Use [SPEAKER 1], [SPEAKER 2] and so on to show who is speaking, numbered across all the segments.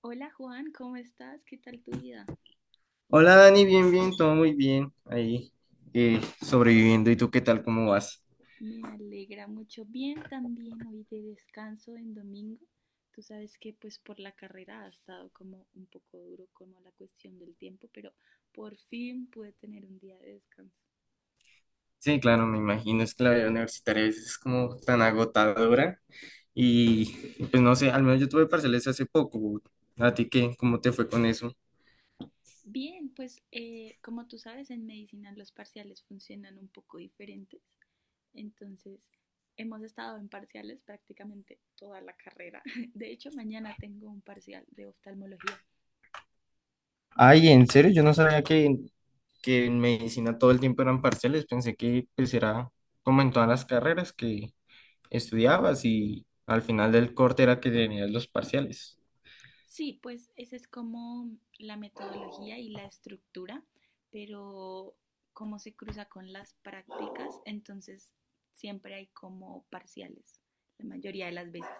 [SPEAKER 1] Hola Juan, ¿cómo estás? ¿Qué tal tu vida?
[SPEAKER 2] Hola Dani, bien, bien, todo muy bien. Ahí sobreviviendo. ¿Y tú qué tal? ¿Cómo vas?
[SPEAKER 1] Me alegra mucho. Bien, también hoy de descanso en domingo. Tú sabes que pues por la carrera ha estado como un poco duro como la cuestión del tiempo, pero por fin pude tener un día de descanso.
[SPEAKER 2] Sí, claro, me imagino. Es que la vida universitaria a veces es como tan agotadora. Y pues no sé, al menos yo tuve parciales hace poco. ¿A ti qué? ¿Cómo te fue con eso?
[SPEAKER 1] Bien, pues como tú sabes, en medicina los parciales funcionan un poco diferentes. Entonces, hemos estado en parciales prácticamente toda la carrera. De hecho, mañana tengo un parcial de oftalmología.
[SPEAKER 2] Ay, ¿en serio? Yo no sabía que en medicina todo el tiempo eran parciales. Pensé que pues era como en todas las carreras que estudiabas y al final del corte era que tenías los parciales.
[SPEAKER 1] Sí, pues esa es como la metodología y la estructura, pero como se cruza con las prácticas, entonces siempre hay como parciales, la mayoría de las veces.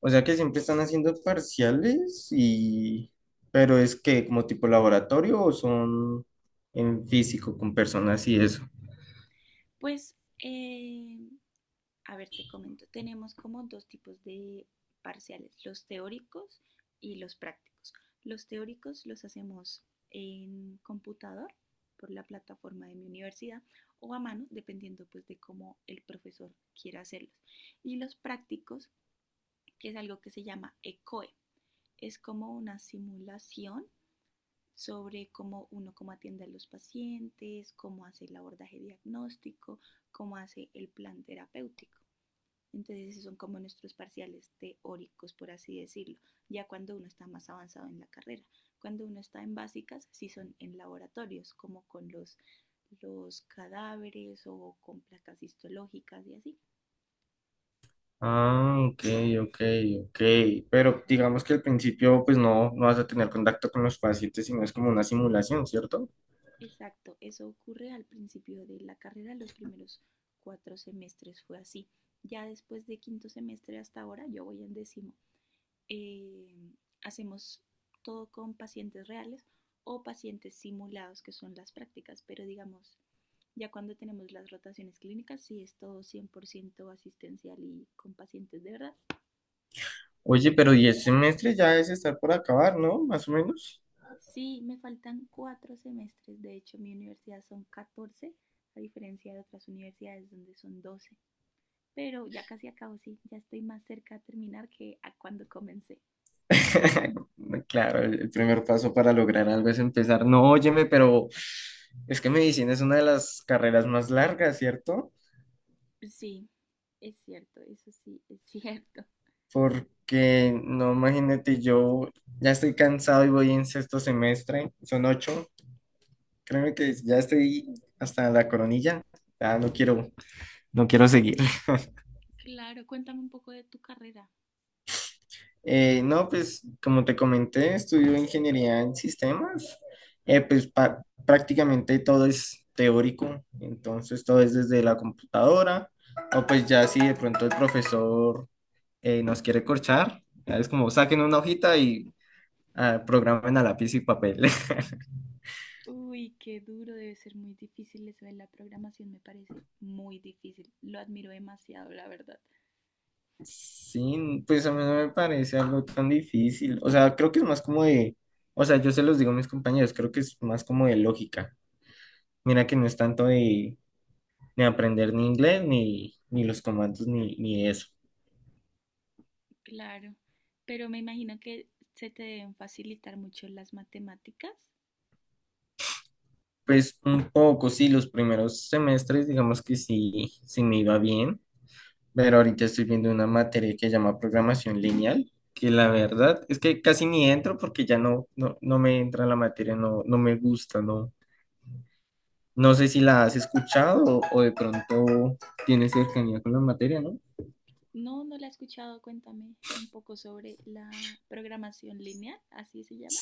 [SPEAKER 2] O sea que siempre están haciendo parciales y... Pero es que como tipo laboratorio o son en físico con personas y eso.
[SPEAKER 1] Pues eh, A ver, te comento, tenemos como dos tipos de parciales, los teóricos y los prácticos. Los teóricos los hacemos en computador por la plataforma de mi universidad o a mano, dependiendo pues de cómo el profesor quiera hacerlos. Y los prácticos, que es algo que se llama ECOE, es como una simulación sobre cómo uno cómo atiende a los pacientes, cómo hace el abordaje diagnóstico, cómo hace el plan terapéutico. Entonces esos son como nuestros parciales teóricos, por así decirlo, ya cuando uno está más avanzado en la carrera. Cuando uno está en básicas, sí son en laboratorios, como con los cadáveres o con placas histológicas y así.
[SPEAKER 2] Ah, ok, ok, ok. Pero digamos que al principio pues no, no vas a tener contacto con los pacientes, sino es como una simulación, ¿cierto?
[SPEAKER 1] Exacto, eso ocurre al principio de la carrera, los primeros 4 semestres fue así. Ya después de quinto semestre hasta ahora, yo voy en décimo. eh, Hacemos todo con pacientes reales o pacientes simulados, que son las prácticas, pero digamos, ya cuando tenemos las rotaciones clínicas, sí es todo 100% asistencial y con pacientes de verdad.
[SPEAKER 2] Oye, pero 10 semestres ya es estar por acabar, ¿no? Más o menos.
[SPEAKER 1] Sí, me faltan 4 semestres, de hecho mi universidad son 14, a diferencia de otras universidades donde son 12, pero ya casi acabo. Sí, ya estoy más cerca de terminar que a cuando comencé.
[SPEAKER 2] Claro, el primer paso para lograr algo es empezar. No, óyeme, pero es que medicina es una de las carreras más largas, ¿cierto?
[SPEAKER 1] Sí, es cierto, eso sí, es cierto.
[SPEAKER 2] Porque no, imagínate, yo ya estoy cansado y voy en sexto semestre, son ocho, créeme que ya estoy hasta la coronilla, ya no quiero, no quiero seguir.
[SPEAKER 1] Claro, cuéntame un poco de tu carrera.
[SPEAKER 2] No, pues como te comenté, estudio ingeniería en sistemas, pues prácticamente todo es teórico, entonces todo es desde la computadora, o pues ya si de pronto el profesor nos quiere corchar, ya es como saquen una hojita y ah, programen a lápiz y papel.
[SPEAKER 1] Uy, qué duro, debe ser muy difícil eso de la programación, me parece muy difícil. Lo admiro demasiado, la verdad.
[SPEAKER 2] Sí, pues a mí no me parece algo tan difícil. O sea, creo que es más como de, o sea, yo se los digo a mis compañeros, creo que es más como de lógica. Mira que no es tanto de, ni aprender ni inglés, ni, ni los comandos, ni, ni eso.
[SPEAKER 1] Claro, pero me imagino que se te deben facilitar mucho las matemáticas.
[SPEAKER 2] Pues un poco, sí, los primeros semestres, digamos que sí, sí me iba bien, pero ahorita estoy viendo una materia que se llama programación lineal, que la verdad es que casi ni entro porque ya no, no, no me entra la materia, no, no me gusta, no, no sé si la has escuchado o de pronto tienes cercanía con la materia, ¿no?
[SPEAKER 1] No, no la he escuchado, cuéntame un poco sobre la programación lineal, así se llama.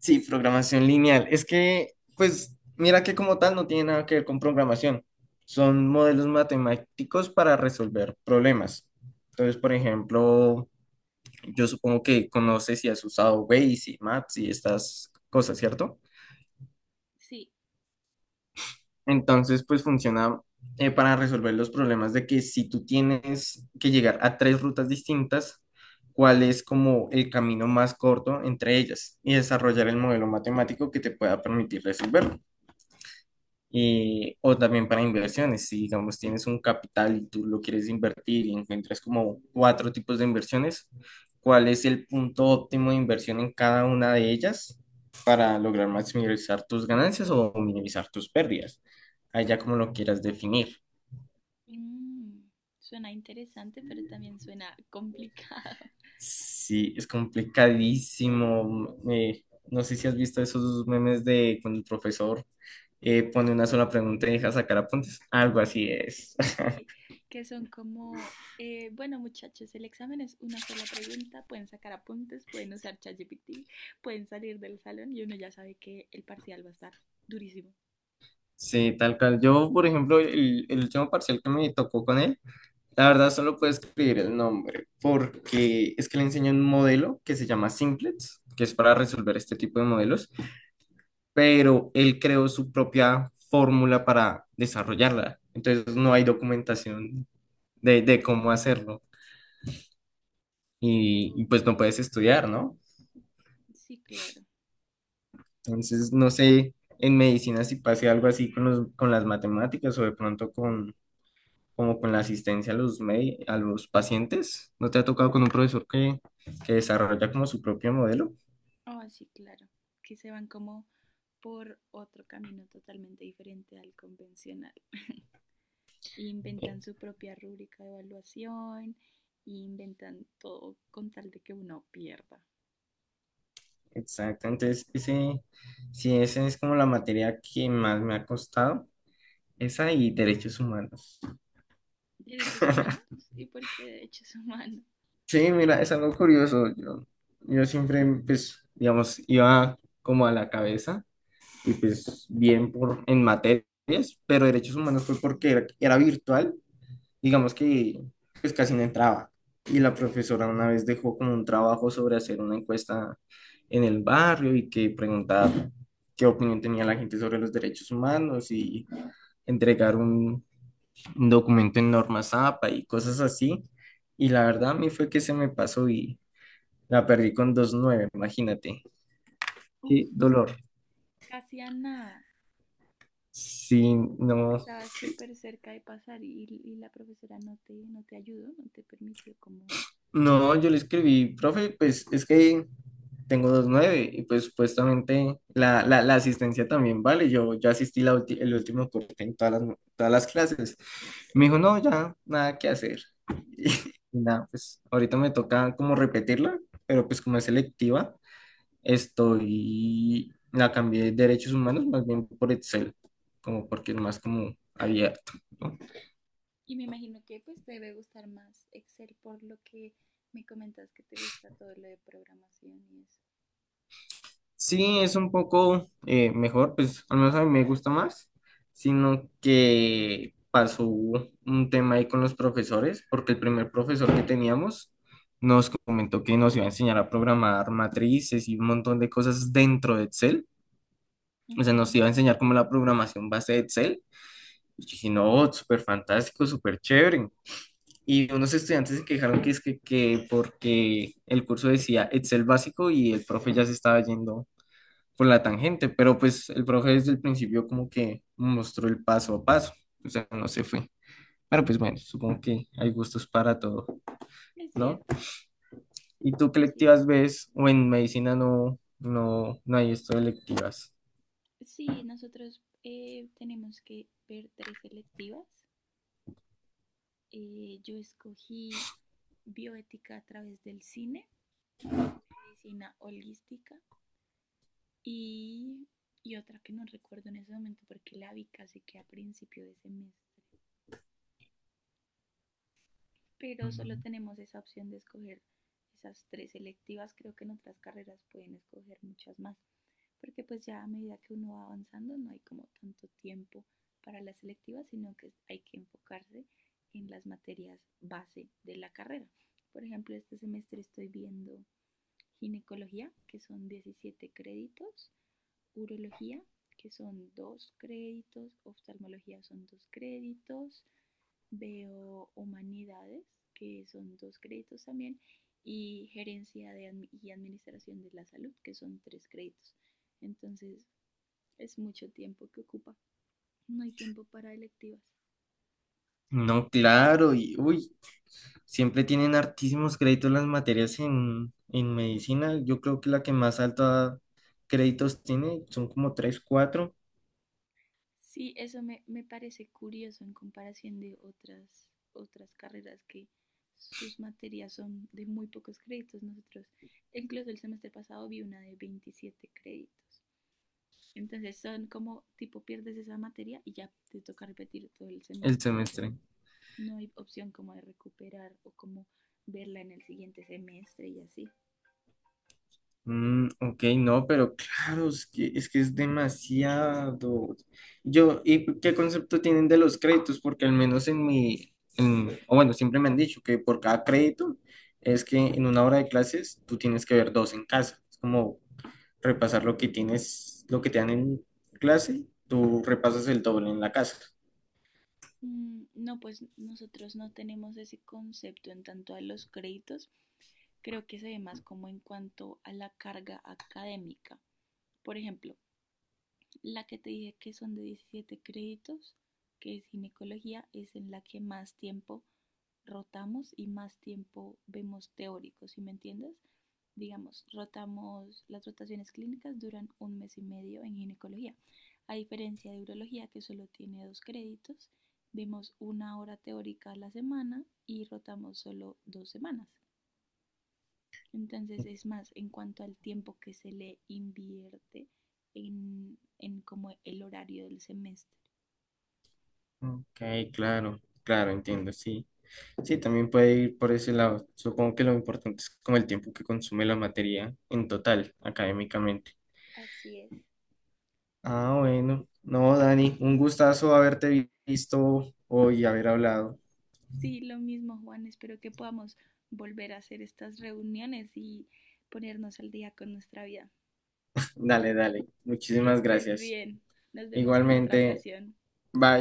[SPEAKER 2] Sí, programación lineal. Es que, pues, mira que como tal no tiene nada que ver con programación. Son modelos matemáticos para resolver problemas. Entonces, por ejemplo, yo supongo que conoces y has usado Waze y Maps y estas cosas, ¿cierto?
[SPEAKER 1] Sí.
[SPEAKER 2] Entonces, pues funciona para resolver los problemas de que si tú tienes que llegar a tres rutas distintas, cuál es como el camino más corto entre ellas y desarrollar el modelo matemático que te pueda permitir resolverlo. Y, o también para inversiones, si digamos tienes un capital y tú lo quieres invertir y encuentras como cuatro tipos de inversiones, ¿cuál es el punto óptimo de inversión en cada una de ellas para lograr maximizar tus ganancias o minimizar tus pérdidas? Allá como lo quieras definir.
[SPEAKER 1] Mm, suena interesante, pero también suena complicado.
[SPEAKER 2] Sí, es complicadísimo. No sé si has visto esos memes de cuando el profesor pone una sola pregunta y deja sacar apuntes. Algo así es.
[SPEAKER 1] Sí, que son como, bueno, muchachos, el examen es una sola pregunta, pueden sacar apuntes, pueden usar ChatGPT, pueden salir del salón y uno ya sabe que el parcial va a estar durísimo.
[SPEAKER 2] Sí, tal cual. Yo, por ejemplo, el último parcial que me tocó con él, la verdad solo puedo escribir el nombre, porque es que le enseño un modelo que se llama Simplets, que es para resolver este tipo de modelos, pero él creó su propia fórmula para desarrollarla. Entonces no hay documentación de cómo hacerlo y
[SPEAKER 1] Ok.
[SPEAKER 2] pues no puedes estudiar, ¿no?
[SPEAKER 1] Sí, claro.
[SPEAKER 2] Entonces no sé en medicina si pase algo así con los, con las matemáticas o de pronto como con la asistencia a los, a los pacientes. ¿No te ha tocado con un profesor que desarrolla como su propio modelo?
[SPEAKER 1] Ah, sí, claro. Que se van como por otro camino totalmente diferente al convencional.
[SPEAKER 2] Eh,
[SPEAKER 1] Inventan su propia rúbrica de evaluación, inventan todo con tal de que uno pierda.
[SPEAKER 2] Exacto, entonces ese, sí, esa es como la materia que más me ha costado, esa y derechos humanos.
[SPEAKER 1] Derechos humanos. ¿Y por qué derechos humanos?
[SPEAKER 2] Sí, mira, es algo curioso, yo siempre, pues, digamos, iba como a la cabeza y pues bien por, en materias, pero derechos humanos fue porque era virtual. Digamos que pues casi no entraba. Y la profesora una vez dejó como un trabajo sobre hacer una encuesta en el barrio y que preguntar qué opinión tenía la gente sobre los derechos humanos y entregar un documento en norma APA y cosas así. Y la verdad a mí fue que se me pasó y la perdí con 2.9, imagínate. Qué
[SPEAKER 1] Uf,
[SPEAKER 2] dolor.
[SPEAKER 1] casi a nada.
[SPEAKER 2] Sí, no,
[SPEAKER 1] Estabas súper cerca de pasar y la profesora no te ayudó, no te permitió como...
[SPEAKER 2] no, yo le escribí, profe, pues es que tengo 2.9 y pues supuestamente la asistencia también vale. Yo asistí la el último corte en todas las clases. Me dijo, no, ya, nada que hacer. Y, nada, pues ahorita me toca como repetirla, pero pues como es selectiva, estoy, la cambié de derechos humanos más bien por Excel, como porque es más como abierto, ¿no?
[SPEAKER 1] Y me imagino que pues te debe gustar más Excel por lo que me comentas que te gusta todo lo de programación y eso.
[SPEAKER 2] Sí, es un poco mejor, pues al menos a mí me gusta más, sino que pasó un tema ahí con los profesores, porque el primer profesor que teníamos nos comentó que nos iba a enseñar a programar matrices y un montón de cosas dentro de Excel, o sea, nos
[SPEAKER 1] Ujú.
[SPEAKER 2] iba a enseñar como la programación base de Excel, y yo dije, no, súper fantástico, súper chévere. Y unos estudiantes se quejaron que es que porque el curso decía Excel básico y el profe ya se estaba yendo por la tangente, pero pues el profe desde el principio como que mostró el paso a paso, o sea, no se fue. Pero pues bueno, supongo que hay gustos para todo,
[SPEAKER 1] Es
[SPEAKER 2] ¿no?
[SPEAKER 1] cierto,
[SPEAKER 2] ¿Y tú qué
[SPEAKER 1] así es.
[SPEAKER 2] electivas ves? O en medicina no, no, no hay esto de electivas.
[SPEAKER 1] Sí, nosotros tenemos que ver tres selectivas. Yo escogí bioética a través del cine, medicina holística y, y otra que no recuerdo en ese momento porque la vi casi que a principio de semestre. Pero solo
[SPEAKER 2] Mm,
[SPEAKER 1] tenemos esa opción de escoger esas tres selectivas. Creo que en otras carreras pueden escoger muchas más. Porque pues ya a medida que uno va avanzando no hay como tanto tiempo para las selectivas, sino que hay que enfocarse en las materias base de la carrera. Por ejemplo, este semestre estoy viendo ginecología, que son 17 créditos, urología, que son 2 créditos, oftalmología son 2 créditos, veo humanidades, que son 2 créditos también, y gerencia de, y administración de la salud, que son 3 créditos. Entonces, es mucho tiempo que ocupa. No hay tiempo para electivas.
[SPEAKER 2] no, claro, y uy, siempre tienen hartísimos créditos las materias en medicina. Yo creo que la que más alta créditos tiene son como 3 4
[SPEAKER 1] Sí, eso me parece curioso en comparación de otras carreras que sus materias son de muy pocos créditos. Nosotros, incluso el semestre pasado, vi una de 27 créditos. Entonces son como tipo pierdes esa materia y ya te toca repetir todo el
[SPEAKER 2] el
[SPEAKER 1] semestre y
[SPEAKER 2] semestre.
[SPEAKER 1] así. No hay opción como de recuperar o como verla en el siguiente semestre y así.
[SPEAKER 2] Mm, ok, no, pero claro, es que, es que es demasiado. Yo, ¿y qué concepto tienen de los créditos? Porque al menos en mi, en- o bueno, siempre me han dicho que por cada crédito es que en una hora de clases tú tienes que ver dos en casa. Es como repasar lo que tienes, lo que te dan en clase, tú repasas el doble en la casa.
[SPEAKER 1] Mm, no, pues nosotros no tenemos ese concepto en tanto a los créditos. Creo que se ve más como en cuanto a la carga académica. Por ejemplo, la que te dije que son de 17 créditos, que es ginecología, es en la que más tiempo rotamos y más tiempo vemos teóricos, ¿sí me entiendes? Digamos, rotamos, las rotaciones clínicas duran 1 mes y medio en ginecología. A diferencia de urología, que solo tiene 2 créditos, vemos 1 hora teórica a la semana y rotamos solo 2 semanas. Entonces es más en cuanto al tiempo que se le invierte en como el horario del semestre.
[SPEAKER 2] Ok, claro, claro, entiendo, sí. Sí, también puede ir por ese lado. Supongo que lo importante es como el tiempo que consume la materia en total, académicamente.
[SPEAKER 1] Así es.
[SPEAKER 2] Ah, bueno. No,
[SPEAKER 1] Pero
[SPEAKER 2] Dani, un
[SPEAKER 1] sí,
[SPEAKER 2] gustazo haberte visto hoy y haber hablado.
[SPEAKER 1] sí, lo mismo Juan, espero que podamos volver a hacer estas reuniones y ponernos al día con nuestra vida.
[SPEAKER 2] Dale, dale.
[SPEAKER 1] Que
[SPEAKER 2] Muchísimas
[SPEAKER 1] estés
[SPEAKER 2] gracias.
[SPEAKER 1] bien. Nos vemos en otra
[SPEAKER 2] Igualmente,
[SPEAKER 1] ocasión.
[SPEAKER 2] bye.